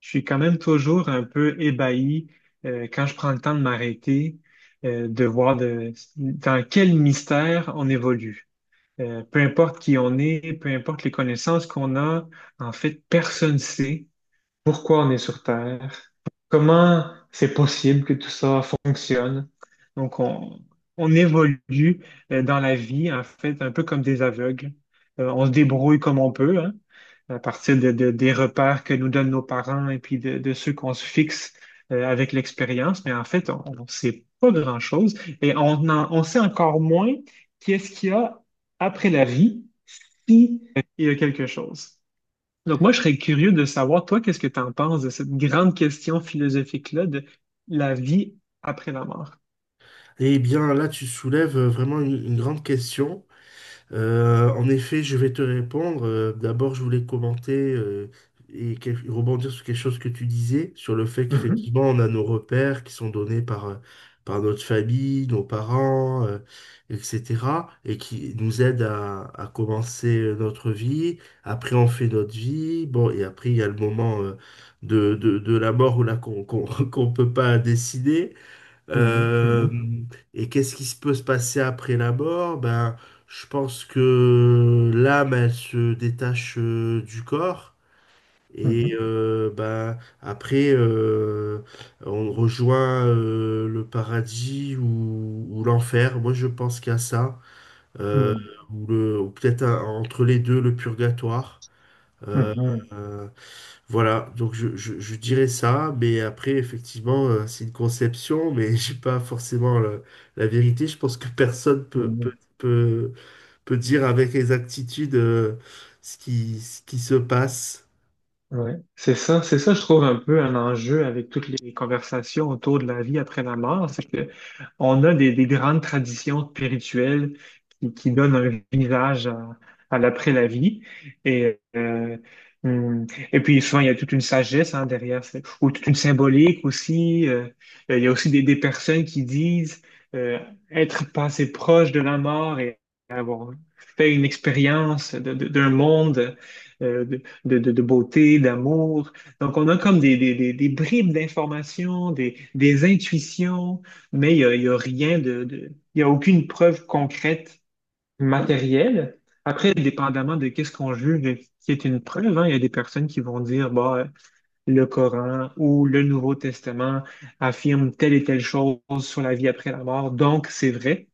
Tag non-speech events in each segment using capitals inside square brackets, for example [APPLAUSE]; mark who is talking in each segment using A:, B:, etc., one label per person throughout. A: Je suis quand même toujours un peu ébahi quand je prends le temps de m'arrêter, dans quel mystère on évolue. Peu importe qui on est, peu importe les connaissances qu'on a, en fait, personne ne sait pourquoi on est sur Terre, comment c'est possible que tout ça fonctionne. Donc, on évolue dans la vie, en fait, un peu comme des aveugles. On se débrouille comme on peut, hein, à partir des repères que nous donnent nos parents et puis de ceux qu'on se fixe avec l'expérience. Mais en fait, on ne sait pas grand-chose et on sait encore moins qu'est-ce qu'il y a après la vie, si il y a quelque chose. Donc moi, je serais curieux de savoir, toi, qu'est-ce que tu en penses de cette grande question philosophique-là de la vie après la mort?
B: Eh bien, là, tu soulèves vraiment une grande question. En effet, je vais te répondre. D'abord, je voulais rebondir sur quelque chose que tu disais, sur le fait
A: Mhm,
B: qu'effectivement, on a nos repères qui sont donnés par notre famille, nos parents, etc., et qui nous aident à commencer notre vie. Après, on fait notre vie. Bon, et après, il y a le moment de la mort où là, [LAUGHS] qu'on peut pas décider.
A: mhm,
B: Euh,
A: mhm,
B: et qu'est-ce qui se peut se passer après la mort? Ben, je pense que l'âme, elle se détache du corps. Et
A: mhm,
B: euh, ben, après, on rejoint le paradis ou l'enfer. Moi, je pense qu'il y a ça.
A: mhm,
B: Ou peut-être entre les deux, le purgatoire. Euh, voilà, donc je dirais ça, mais après, effectivement, c'est une conception, mais [LAUGHS] j'ai pas forcément la vérité. Je pense que personne
A: mhm, mhm.
B: peut, peut dire avec exactitude ce qui se passe.
A: Ouais. C'est ça, je trouve un peu un enjeu avec toutes les conversations autour de la vie après la mort, c'est que on a des grandes traditions spirituelles qui donnent un visage à l'après la vie. Et, euh, hum, et puis souvent, il y a toute une sagesse hein, derrière, ou toute une symbolique aussi. Il y a aussi des personnes qui disent euh, être passé proche de la mort et avoir fait une expérience d'un monde. euh, de beauté, d'amour. Donc, on a comme des bribes d'informations, des intuitions, mais il y a rien il y a aucune preuve concrète, matérielle. Après, dépendamment de qu'est-ce qu'on juge qui est une preuve, hein, il y a des personnes qui vont dire, bah, le Coran ou le Nouveau Testament affirme telle et telle chose sur la vie après la mort, donc c'est vrai.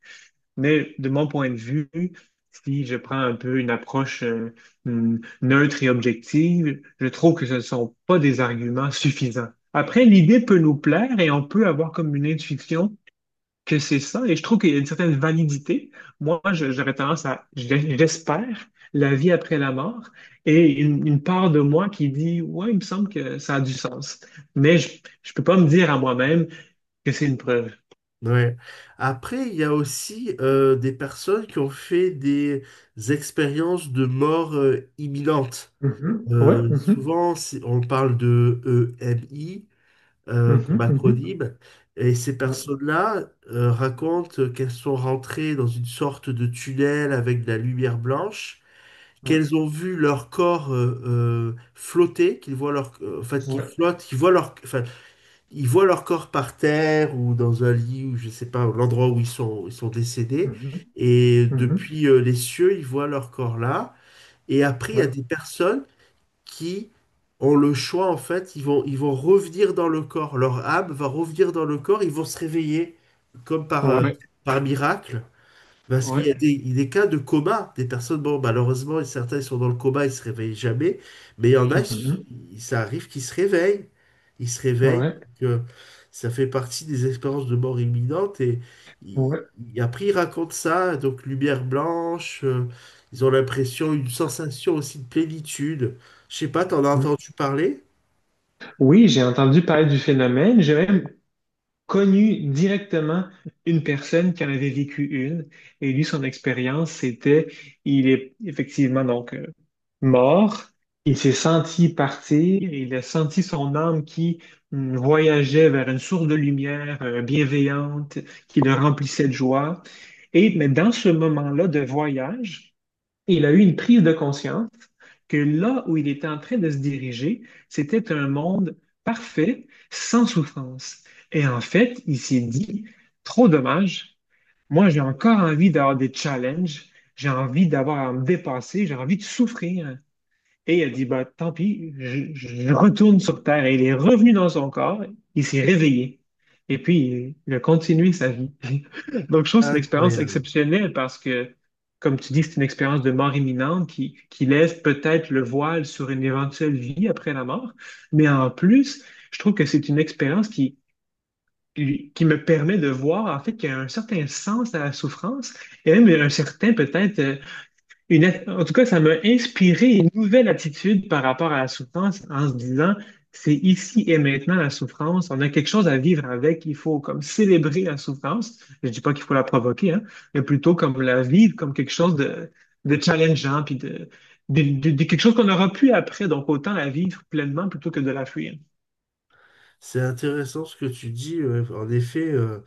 A: Mais de mon point de vue, si je prends un peu une approche neutre et objective, je trouve que ce ne sont pas des arguments suffisants. Après, l'idée peut nous plaire et on peut avoir comme une intuition que c'est ça. Et je trouve qu'il y a une certaine validité. Moi, j'aurais tendance à j'espère, la vie après la mort et une part de moi qui dit, ouais, il me semble que ça a du sens. Mais je ne peux pas me dire à moi-même que c'est une preuve.
B: Ouais. Après, il y a aussi des personnes qui ont fait des expériences de mort imminente.
A: Mhm. Ouais, mhm.
B: Souvent, on parle de EMI, comme
A: Mhm, mhm.
B: acronyme. Et ces
A: Ouais,
B: personnes-là racontent qu'elles sont rentrées dans une sorte de tunnel avec de la lumière blanche,
A: ouais.
B: qu'elles ont vu leur corps flotter, qu'ils voient leur, en fait, qu'ils
A: Ouais.
B: flottent, qu'ils voient leur, enfin, ils voient leur corps par terre ou dans un lit ou je sais pas, l'endroit où ils sont décédés.
A: Mhm.
B: Et
A: Mhm.
B: depuis les cieux, ils voient leur corps là. Et après, il y a
A: Ouais.
B: des personnes qui ont le choix, en fait, ils vont revenir dans le corps. Leur âme va revenir dans le corps, ils vont se réveiller comme par, euh,
A: Ouais.
B: par miracle. Parce qu'il
A: Ouais.
B: y a des, il y a des cas de coma, des personnes, bon, malheureusement, certains ils sont dans le coma, ils se réveillent jamais, mais il y en a, oui.
A: Mhm.
B: Ça arrive qu'ils se réveillent. Ils se réveillent,
A: Ouais.
B: que ça fait partie des expériences de mort imminente, et ils-
A: Ouais.
B: après, ils racontent ça, donc lumière blanche, ils ont l'impression, une sensation aussi de plénitude. Je sais pas, t'en as
A: Mhm.
B: entendu parler?
A: Oui, j'ai entendu parler du phénomène. J'ai même connu directement une personne qui en avait vécu une. Et lui, son expérience, il est effectivement donc mort. Il s'est senti partir. Il a senti son âme qui voyageait vers une source de lumière bienveillante qui le remplissait de joie. Mais dans ce moment-là de voyage, Et il a eu une prise de conscience que là où il était en train de se diriger, c'était un monde parfait, sans souffrance. Et en fait, il s'est dit, trop dommage, moi j'ai encore envie d'avoir des challenges, j'ai envie d'avoir à me dépasser, j'ai envie de souffrir. Et il a dit, bah, tant pis, je retourne sur Terre. Et il est revenu dans son corps, il s'est réveillé. Et puis, il a continué sa vie. [LAUGHS] Donc, je trouve que c'est une expérience
B: Incroyable.
A: exceptionnelle parce que, comme tu dis, c'est une expérience de mort imminente qui laisse peut-être le voile sur une éventuelle vie après la mort. Mais en plus, je trouve que c'est une expérience qui me permet de voir, en fait, qu'il y a un certain sens à la souffrance et même un certain, peut-être, en tout cas, ça m'a inspiré une nouvelle attitude par rapport à la souffrance en se disant, c'est ici et maintenant la souffrance. On a quelque chose à vivre avec. Il faut comme célébrer la souffrance. Je dis pas qu'il faut la provoquer, hein, mais plutôt comme la vivre comme quelque chose de challengeant, puis de quelque chose qu'on aura pu après. Donc, autant la vivre pleinement plutôt que de la fuir.
B: C'est intéressant ce que tu dis, en effet. euh,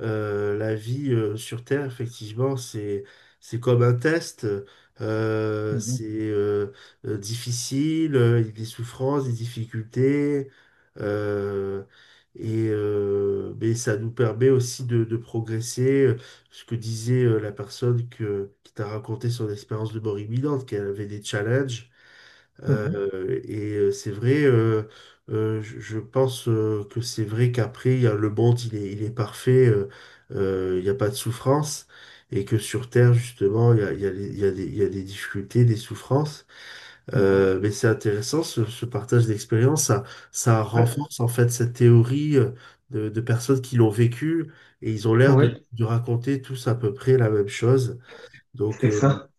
B: Euh, La vie sur Terre, effectivement, c'est comme un test.
A: Mhm,
B: C'est difficile, il y a des souffrances, des difficultés. euh, mais ça nous permet aussi de progresser. Ce que disait la personne qui t'a raconté son expérience de mort imminente, qu'elle avait des challenges.
A: mhm,
B: Et c'est vrai, je pense que c'est vrai qu'après, le monde, il est parfait, il n'y a pas de souffrance, et que sur Terre, justement, il y a les- il y a des, il y a des difficultés, des souffrances.
A: mhm.
B: Mais c'est intéressant, ce partage d'expérience, ça
A: Ouais,
B: renforce en fait cette théorie de personnes qui l'ont vécu, et ils ont l'air de,
A: Oui,
B: de raconter tous à peu près la même chose. Donc,
A: c'est ça.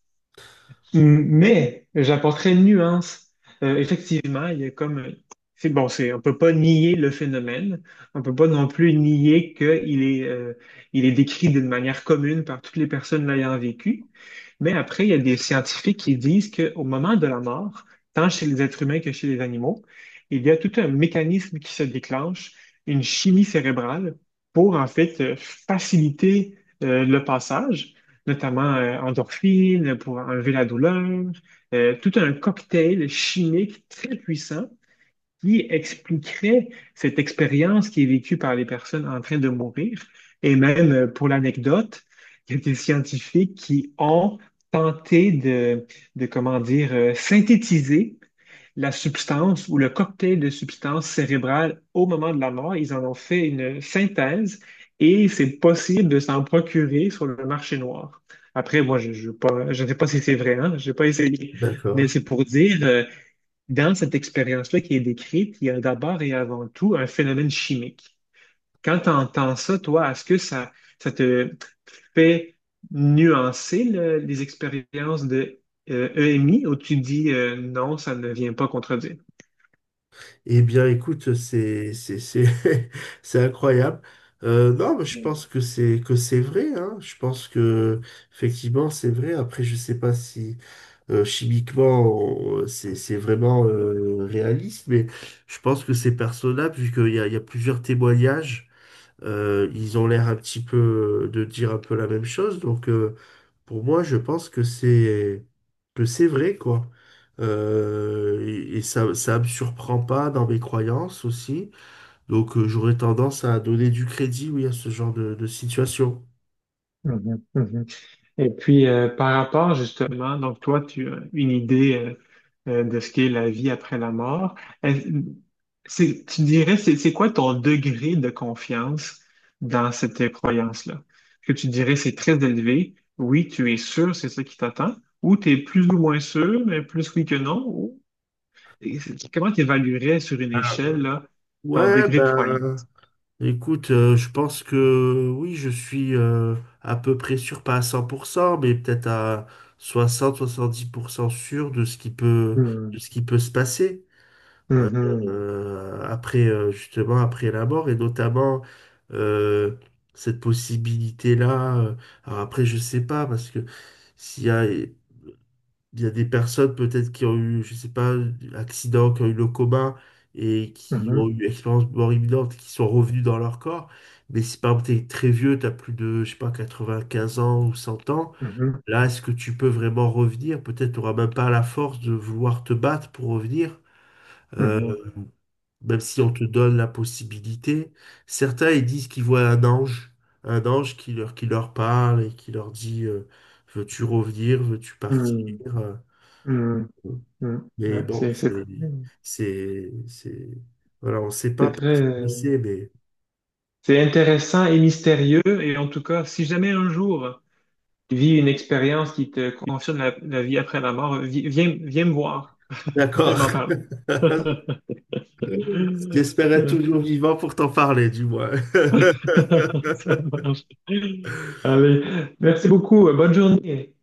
A: Mais j'apporterai une nuance. Effectivement, il y a comme c'est bon, c'est on peut pas nier le phénomène, on peut pas non plus nier qu'il est il est décrit d'une manière commune par toutes les personnes l'ayant vécu. Mais après, il y a des scientifiques qui disent qu'au moment de la mort, tant chez les êtres humains que chez les animaux, il y a tout un mécanisme qui se déclenche, une chimie cérébrale pour en fait faciliter le passage notamment endorphines pour enlever la douleur, tout un cocktail chimique très puissant qui expliquerait cette expérience qui est vécue par les personnes en train de mourir. Et même, pour l'anecdote, il y a des scientifiques qui ont tenté de synthétiser la substance ou le cocktail de substances cérébrales au moment de la mort. Ils en ont fait une synthèse et c'est possible de s'en procurer sur le marché noir. Après, moi, veux pas, je ne sais pas si c'est vrai, hein, je n'ai pas essayé, mais
B: d'accord.
A: c'est pour dire, dans cette expérience-là qui est décrite, il y a d'abord et avant tout un phénomène chimique. Quand tu entends ça, toi, est-ce que ça te fait nuancer les expériences de EMI ou tu dis non, ça ne vient pas contredire?
B: Eh bien, écoute, c'est [LAUGHS] c'est incroyable. Non, mais je pense que c'est vrai. Hein. Je pense que effectivement c'est vrai. Après, je sais pas si chimiquement c'est vraiment réaliste, mais je pense que c'est personnable vu qu'il y a plusieurs témoignages ils ont l'air un petit peu de dire un peu la même chose. Donc, pour moi, je pense que c'est vrai, quoi. Et ça, ça me surprend pas dans mes croyances aussi. Donc, j'aurais tendance à donner du crédit, oui, à ce genre de situation.
A: Mhm, mhm. Et puis, par rapport justement, donc toi, tu as une idée de ce qu'est la vie après la mort. est Tu dirais, c'est quoi ton degré de confiance dans cette croyance-là? Est-ce que tu dirais c'est très élevé? Oui, tu es sûr, c'est ça qui t'attend? Ou tu es plus ou moins sûr, mais plus oui que non? Comment tu évaluerais sur une
B: Ah,
A: échelle, là, ton
B: ouais,
A: degré de
B: ben,
A: croyance?
B: écoute, je pense que oui, je suis à peu près sûr, pas à 100%, mais peut-être à 60-70% sûr de ce qui peut, de
A: Mhm,
B: ce qui peut se passer.
A: mhm,
B: Après Justement après la mort et notamment euh, cette possibilité-là. Alors après, je sais pas parce que s'il y a des personnes peut-être qui ont eu, je sais pas, accident, qui ont eu le coma et qui ont
A: mhm,
B: eu expérience de mort imminente, qui sont revenus dans leur corps. Mais si par exemple t'es très vieux, t'as plus de, je sais pas, 95 ans ou 100 ans,
A: mhm,
B: là, est-ce que tu peux vraiment revenir? Peut-être t'auras même pas la force de vouloir te battre pour revenir. euh,
A: mhm,
B: Même si on te donne la possibilité. Certains, ils disent qu'ils voient un ange qui leur parle et qui leur dit, veux-tu revenir, veux-tu partir?
A: mhm, mhm. Mm.
B: Mais
A: Ouais,
B: bon,
A: c'est c'est très,
B: c'est, c'est, voilà, on ne sait pas
A: c'est
B: parce
A: très,
B: personne ne sait, mais
A: c'est intéressant et mystérieux. Et en tout cas, si jamais un jour tu vis une expérience qui te confirme la vie après la mort, viens me voir et
B: d'accord.
A: m'en parler. [LAUGHS]
B: [LAUGHS] J'espérais toujours vivant pour t'en parler, du moins.
A: Ça
B: [LAUGHS]
A: marche. Allez, merci beaucoup. Bonne journée.